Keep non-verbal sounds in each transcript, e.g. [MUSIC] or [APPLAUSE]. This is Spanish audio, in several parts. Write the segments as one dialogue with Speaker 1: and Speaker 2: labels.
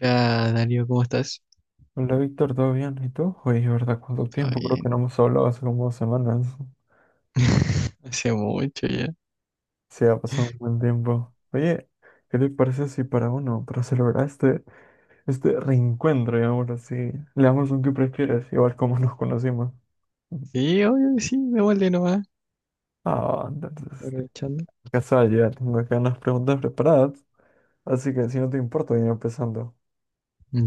Speaker 1: Hola, Darío, ¿cómo estás?
Speaker 2: Hola Víctor, ¿todo bien? ¿Y tú? Oye, ¿verdad? ¿Cuánto
Speaker 1: ¿Todo
Speaker 2: tiempo? Creo que
Speaker 1: bien?
Speaker 2: no hemos hablado hace como 2 semanas.
Speaker 1: [LAUGHS] Hace mucho ya.
Speaker 2: Sí, ha pasado un buen tiempo. Oye, ¿qué te parece si para celebrar este reencuentro, digamos así, le damos un que prefieres, igual como nos conocimos?
Speaker 1: Sí, obvio que sí, devuelve nomás.
Speaker 2: Ah, entonces,
Speaker 1: Aprovechando.
Speaker 2: casual, ya tengo acá unas preguntas preparadas, así que si no te importa, voy empezando.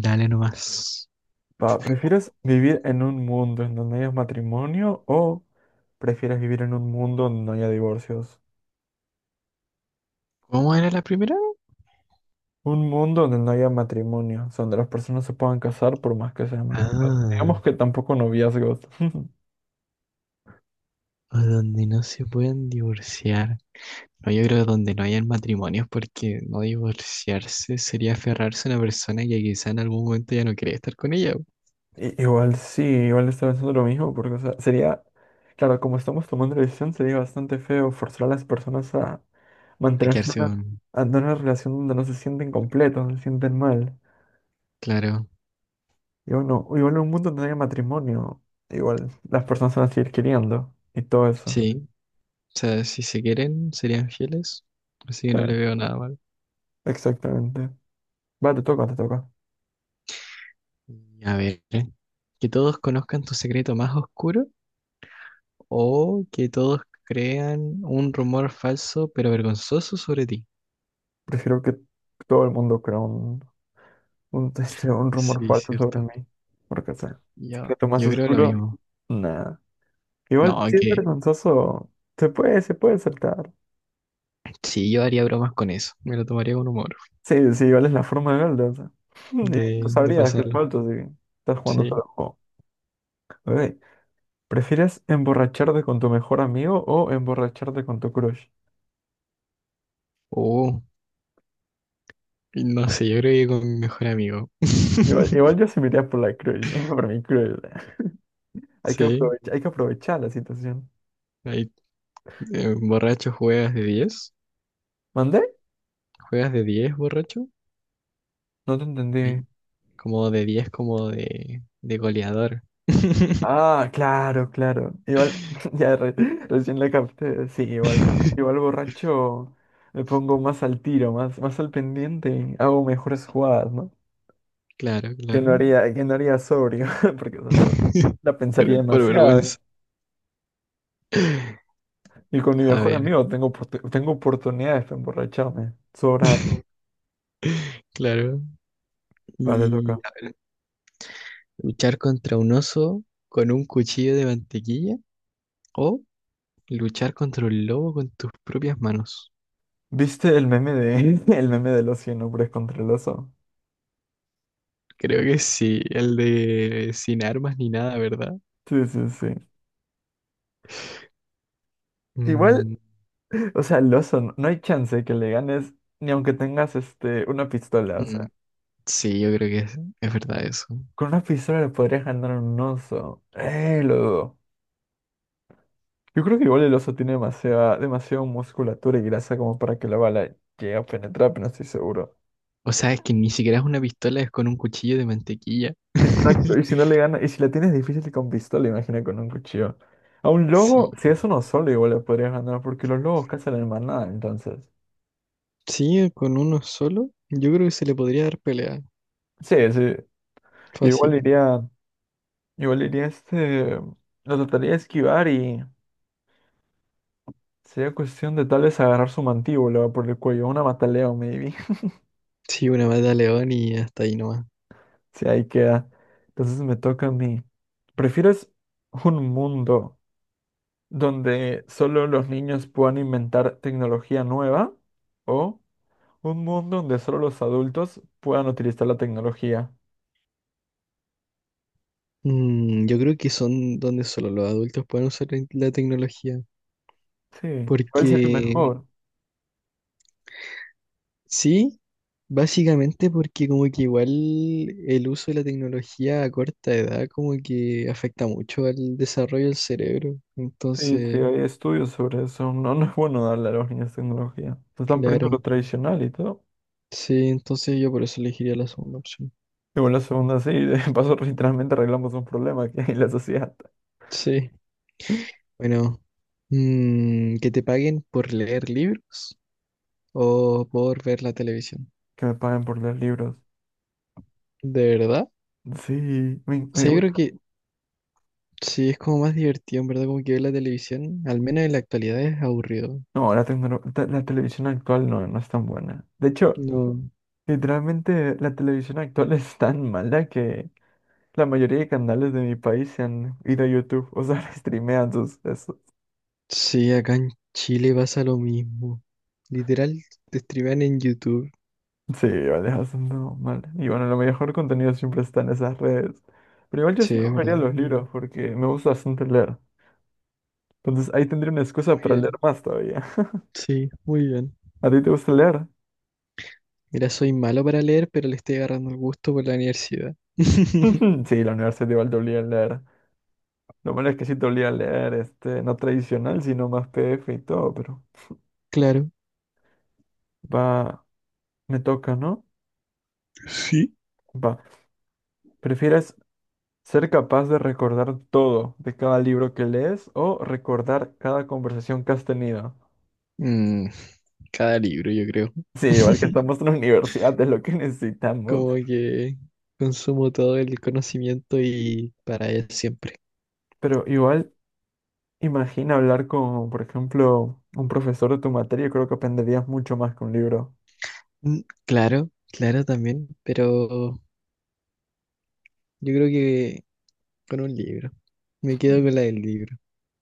Speaker 1: Dale nomás.
Speaker 2: Va, ¿prefieres vivir en un mundo en donde haya matrimonio o prefieres vivir en un mundo donde no haya divorcios?
Speaker 1: ¿Cómo era la primera?
Speaker 2: Un mundo donde no haya matrimonio, o sea, donde las personas se puedan casar por más que se aman.
Speaker 1: Ah,
Speaker 2: Digamos que tampoco noviazgos. [LAUGHS]
Speaker 1: o donde no se pueden divorciar. No, yo creo que donde no hayan matrimonios, porque no divorciarse sería aferrarse a una persona que quizá en algún momento ya no quiere estar con ella. Po.
Speaker 2: Igual sí, igual estaba pensando lo mismo, porque o sea, sería, claro, como estamos tomando la decisión, sería bastante feo forzar a las personas a
Speaker 1: A
Speaker 2: mantenerse en
Speaker 1: quedarse con...
Speaker 2: una, a tener una relación donde no se sienten completos, no se sienten mal.
Speaker 1: Claro.
Speaker 2: Y bueno, o igual en un mundo donde no haya matrimonio, igual las personas se van a seguir queriendo y todo eso.
Speaker 1: Sí. O sea, si se quieren, serían fieles. Así que no le
Speaker 2: Sí.
Speaker 1: veo nada malo.
Speaker 2: Exactamente. Va, te toca, te toca.
Speaker 1: A ver, que todos conozcan tu secreto más oscuro o que todos crean un rumor falso pero vergonzoso sobre ti.
Speaker 2: Prefiero que todo el mundo crea un rumor
Speaker 1: Sí,
Speaker 2: falso sobre
Speaker 1: cierto.
Speaker 2: mí. Porque, o sea,
Speaker 1: Yo,
Speaker 2: secreto más
Speaker 1: yo creo lo
Speaker 2: oscuro,
Speaker 1: mismo.
Speaker 2: nada.
Speaker 1: No,
Speaker 2: Igual, si es
Speaker 1: que
Speaker 2: vergonzoso, se puede aceptar.
Speaker 1: sí, yo haría bromas con eso. Me lo tomaría con humor
Speaker 2: Sí, sí, igual es la forma de Golda, o sea. [LAUGHS] Y tú
Speaker 1: de
Speaker 2: sabrías que es
Speaker 1: pasarlo.
Speaker 2: falso si estás jugando solo
Speaker 1: Sí.
Speaker 2: el juego. Ok, ¿prefieres emborracharte con tu mejor amigo o emborracharte con tu crush?
Speaker 1: Oh, no sé, yo creo que con mi mejor amigo.
Speaker 2: Igual, igual
Speaker 1: [LAUGHS]
Speaker 2: yo sí me iría por la crush, [LAUGHS] por mi crush.
Speaker 1: Sí.
Speaker 2: Hay que aprovechar la situación.
Speaker 1: Ahí, borracho juegas de diez.
Speaker 2: ¿Mandé?
Speaker 1: ¿Juegas de 10 borracho?
Speaker 2: No te entendí.
Speaker 1: Sí. Como de 10 como de goleador. [LAUGHS]
Speaker 2: Ah, claro, claro. Igual, [LAUGHS] ya recién la capté. Sí, igual, igual
Speaker 1: [LAUGHS]
Speaker 2: borracho me pongo más al tiro, más al pendiente y hago mejores jugadas, ¿no?
Speaker 1: Claro,
Speaker 2: Que no
Speaker 1: claro.
Speaker 2: haría, que no haría sobrio, [LAUGHS] porque o sea,
Speaker 1: [LAUGHS]
Speaker 2: la pensaría
Speaker 1: Pero por
Speaker 2: demasiado,
Speaker 1: vergüenza.
Speaker 2: ¿eh? Y con mi
Speaker 1: A
Speaker 2: mejor
Speaker 1: ver,
Speaker 2: amigo tengo oportunidades para emborracharme. Sobra.
Speaker 1: [LAUGHS] claro.
Speaker 2: Vale,
Speaker 1: Y
Speaker 2: toca.
Speaker 1: luchar contra un oso con un cuchillo de mantequilla o luchar contra un lobo con tus propias manos.
Speaker 2: ¿Viste el meme de [LAUGHS] el meme del oso y el hombre contra el oso?
Speaker 1: Creo que sí, el de sin armas ni nada, ¿verdad?
Speaker 2: Sí, sí, sí. Igual
Speaker 1: Mm,
Speaker 2: [LAUGHS] o sea, el oso, no, no hay chance que le ganes, ni aunque tengas una pistola. O
Speaker 1: mm,
Speaker 2: sea,
Speaker 1: sí, yo creo que es verdad eso.
Speaker 2: con una pistola le podrías ganar a un oso. Lo dudo. Yo creo que igual el oso tiene demasiada, demasiada musculatura y grasa como para que la bala llegue a penetrar, pero no estoy seguro.
Speaker 1: O sea, es que ni siquiera es una pistola, es con un cuchillo de mantequilla.
Speaker 2: Exacto, y
Speaker 1: [LAUGHS]
Speaker 2: si no le gana, y si la tienes difícil con pistola, imagina con un cuchillo. A un lobo,
Speaker 1: Sí,
Speaker 2: si es uno solo, igual le podrías ganar, porque los lobos cazan en manada, entonces.
Speaker 1: sí, con uno solo, yo creo que se le podría dar pelea.
Speaker 2: Sí, sí. Igual
Speaker 1: Fácil.
Speaker 2: iría, igual iría lo trataría de esquivar y sería cuestión de tal vez agarrar su mantíbula por el cuello, una mataleo, maybe. [LAUGHS]
Speaker 1: Sí, una mata a león y hasta ahí nomás.
Speaker 2: Si ahí queda. Entonces me toca a mí. ¿Prefieres un mundo donde solo los niños puedan inventar tecnología nueva? ¿O un mundo donde solo los adultos puedan utilizar la tecnología?
Speaker 1: Mm, yo creo que son donde solo los adultos pueden usar la tecnología.
Speaker 2: Sí. ¿Cuál
Speaker 1: Porque
Speaker 2: sería mejor?
Speaker 1: sí, básicamente porque como que igual el uso de la tecnología a corta edad como que afecta mucho al desarrollo del cerebro.
Speaker 2: Sí, sí,
Speaker 1: Entonces,
Speaker 2: hay estudios sobre eso. No, no es bueno darle a los niños tecnología. Se están perdiendo lo
Speaker 1: claro.
Speaker 2: tradicional y todo.
Speaker 1: Sí, entonces yo por eso elegiría la segunda opción.
Speaker 2: Y bueno, la segunda sí, [LAUGHS] de paso literalmente arreglamos un problema que hay en la sociedad.
Speaker 1: Sí, bueno. Mm, que te paguen por leer libros o por ver la televisión.
Speaker 2: Que me paguen por leer libros.
Speaker 1: ¿De verdad?
Speaker 2: Sí, me,
Speaker 1: O
Speaker 2: me
Speaker 1: sea, yo creo
Speaker 2: gusta.
Speaker 1: que sí es como más divertido, en verdad, como que ver la televisión, al menos en la actualidad es aburrido.
Speaker 2: No, la, la televisión actual no, no es tan buena. De hecho,
Speaker 1: No.
Speaker 2: literalmente la televisión actual [LAUGHS] es tan mala que la mayoría de canales de mi país se han ido a YouTube, o sea, [LAUGHS] streamean sus... Eso.
Speaker 1: Sí, acá en Chile pasa lo mismo. Literal, te streamean en YouTube.
Speaker 2: Sí, vale, [LAUGHS] haciendo mal. Y bueno, lo mejor contenido siempre está en esas redes. Pero igual yo
Speaker 1: Sí,
Speaker 2: sí
Speaker 1: es
Speaker 2: cogería
Speaker 1: verdad.
Speaker 2: los
Speaker 1: Bueno,
Speaker 2: libros porque me gusta bastante leer. Entonces ahí tendría una excusa
Speaker 1: muy
Speaker 2: para leer
Speaker 1: bien.
Speaker 2: más todavía. [LAUGHS]
Speaker 1: Sí, muy bien.
Speaker 2: ¿A ti te gusta leer?
Speaker 1: Mira, soy malo para leer, pero le estoy agarrando el gusto por la universidad. [LAUGHS]
Speaker 2: [LAUGHS] Sí, la universidad igual te obliga a leer. Lo malo es que sí te olía leer, no tradicional, sino más PF y todo, pero
Speaker 1: Claro.
Speaker 2: va, me toca, ¿no?
Speaker 1: Sí.
Speaker 2: Va. ¿Prefieres ser capaz de recordar todo de cada libro que lees o recordar cada conversación que has tenido?
Speaker 1: Mm, cada libro, yo creo.
Speaker 2: Sí, igual que
Speaker 1: [LAUGHS]
Speaker 2: estamos en la universidad, es lo que necesitamos.
Speaker 1: Como que consumo todo el conocimiento y para él siempre.
Speaker 2: Pero igual, imagina hablar con, por ejemplo, un profesor de tu materia, creo que aprenderías mucho más que un libro.
Speaker 1: Mm, claro, claro también, pero yo creo que con un libro. Me quedo con la del libro.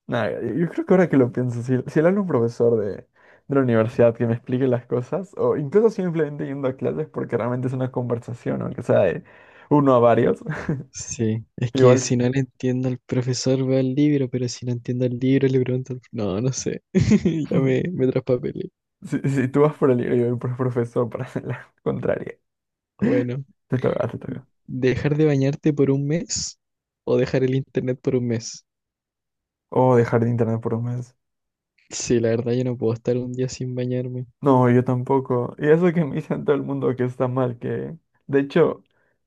Speaker 2: Nah, yo creo que ahora que lo pienso, si le hablo a un profesor de la universidad que me explique las cosas, o incluso simplemente yendo a clases porque realmente es una conversación, aunque sea de uno a varios, [LAUGHS]
Speaker 1: Sí, es que
Speaker 2: igual
Speaker 1: si no le entiendo al profesor veo el libro, pero si no entiendo el libro le pregunto al... No, no sé, [LAUGHS] ya
Speaker 2: ujú.
Speaker 1: me traspapelé.
Speaker 2: [LAUGHS] Si tú vas por el libro y yo voy por el profesor para [LAUGHS] hacer la contraria,
Speaker 1: Bueno,
Speaker 2: te toca, te toca.
Speaker 1: ¿dejar de bañarte por un mes o dejar el internet por un mes?
Speaker 2: O dejar de internet por un mes.
Speaker 1: Sí, la verdad yo no puedo estar un día sin bañarme.
Speaker 2: No, yo tampoco. Y eso que me dicen todo el mundo que está mal, que de hecho...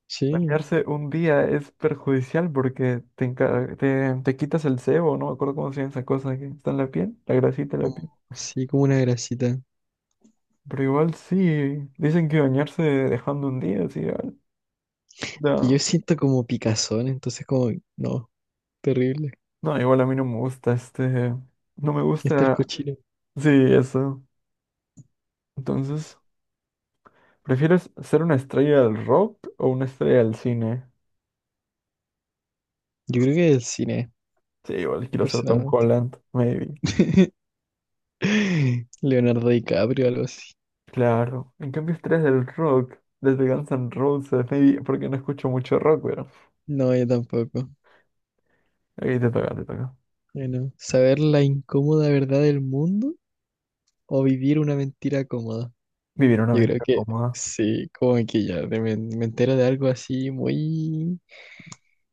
Speaker 1: Sí.
Speaker 2: Bañarse un día es perjudicial porque te quitas el sebo, no me acuerdo cómo se llama esa cosa que está en la piel, la grasita de la
Speaker 1: Como,
Speaker 2: piel.
Speaker 1: sí, como una grasita.
Speaker 2: Pero igual sí, dicen que bañarse dejando un día, sí, igual.
Speaker 1: Es que yo
Speaker 2: No,
Speaker 1: siento como picazón, entonces como, no, terrible.
Speaker 2: no, igual a mí no me gusta, no me
Speaker 1: Estar
Speaker 2: gusta,
Speaker 1: cochino.
Speaker 2: sí, eso. Entonces, ¿prefieres ser una estrella del rock o una estrella del cine?
Speaker 1: Yo creo que del cine,
Speaker 2: Sí, igual quiero ser Tom
Speaker 1: personalmente.
Speaker 2: Holland, maybe.
Speaker 1: [LAUGHS] Leonardo DiCaprio, algo así.
Speaker 2: Claro, en cambio estrellas del rock, desde Guns N' Roses, maybe, porque no escucho mucho rock, pero...
Speaker 1: No, yo tampoco.
Speaker 2: Ahí te toca, te toca.
Speaker 1: Bueno, saber la incómoda verdad del mundo o vivir una mentira cómoda.
Speaker 2: Vivir una
Speaker 1: Yo creo
Speaker 2: aventura
Speaker 1: que
Speaker 2: cómoda.
Speaker 1: sí, como que ya me entero de algo así muy,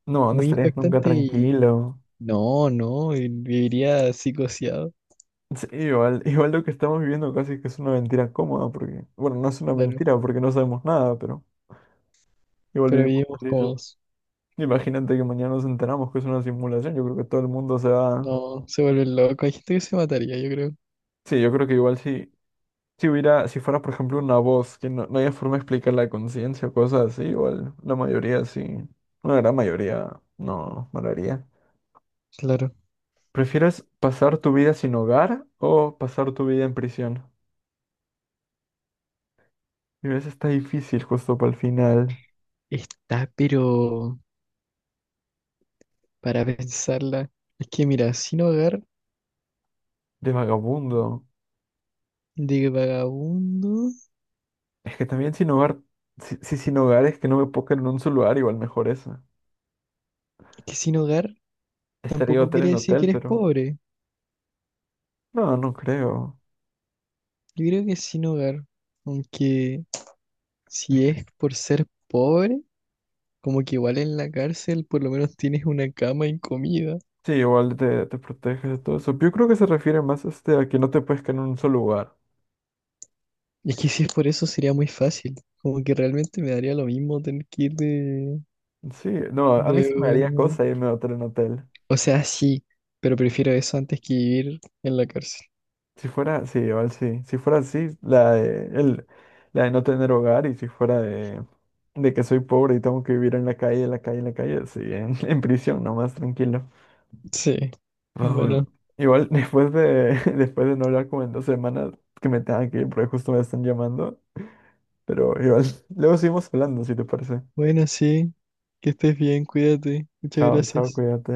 Speaker 2: No, no
Speaker 1: muy
Speaker 2: estarías nunca
Speaker 1: impactante y
Speaker 2: tranquilo.
Speaker 1: no, no, y viviría psicoseado,
Speaker 2: Sí, igual, igual lo que estamos viviendo casi que es una mentira cómoda, porque, bueno, no es una
Speaker 1: claro,
Speaker 2: mentira porque no sabemos nada, pero igual
Speaker 1: pero
Speaker 2: vivimos
Speaker 1: vivimos
Speaker 2: felices.
Speaker 1: cómodos.
Speaker 2: Imagínate que mañana nos enteramos que es una simulación, yo creo que todo el mundo se va...
Speaker 1: No, se vuelve loco. Hay gente que se mataría, yo creo.
Speaker 2: Sí, yo creo que igual si hubiera, si fuera, por ejemplo, una voz, que no, no haya forma de explicar la conciencia o cosas así, igual la mayoría sí, una gran mayoría no, no lo haría.
Speaker 1: Claro.
Speaker 2: ¿Prefieres pasar tu vida sin hogar o pasar tu vida en prisión? Y a veces está difícil justo para el final,
Speaker 1: Está, pero para pensarla. Es que mira, sin hogar
Speaker 2: de vagabundo.
Speaker 1: de vagabundo.
Speaker 2: Es que también sin hogar, si, si sin hogar es que no me puedo quedar en un solo lugar, igual mejor esa.
Speaker 1: Es que sin hogar
Speaker 2: Estaría
Speaker 1: tampoco
Speaker 2: hotel
Speaker 1: quiere
Speaker 2: en
Speaker 1: decir que
Speaker 2: hotel,
Speaker 1: eres
Speaker 2: pero...
Speaker 1: pobre.
Speaker 2: No, no creo.
Speaker 1: Yo creo que sin hogar. Aunque
Speaker 2: Es
Speaker 1: si
Speaker 2: que
Speaker 1: es por ser pobre, como que igual en la cárcel por lo menos tienes una cama y comida.
Speaker 2: sí, igual te proteges de todo eso. Yo creo que se refiere más a que no te puedes quedar en un solo lugar.
Speaker 1: Y es que si es por eso sería muy fácil. Como que realmente me daría lo mismo tener que ir
Speaker 2: Sí, no, a mí
Speaker 1: de
Speaker 2: sí me
Speaker 1: hogar.
Speaker 2: haría
Speaker 1: ¿No?
Speaker 2: cosa irme de hotel en hotel.
Speaker 1: O sea, sí, pero prefiero eso antes que vivir en la cárcel.
Speaker 2: Si fuera, sí, igual sí. Si fuera así, la de no tener hogar y si fuera de, que soy pobre y tengo que vivir en la calle, en la calle, en la calle, sí, en, [LAUGHS] en prisión, nomás tranquilo.
Speaker 1: Sí.
Speaker 2: Ah, bueno.
Speaker 1: Bueno,
Speaker 2: Igual [LAUGHS] después de, [LAUGHS] después de no hablar como en 2 semanas, que me tengan que ir porque justo me están llamando, pero igual, [LAUGHS] luego seguimos hablando, si te parece.
Speaker 1: bueno, sí. Que estés bien, cuídate. Muchas
Speaker 2: Chao, chao,
Speaker 1: gracias.
Speaker 2: cuídate.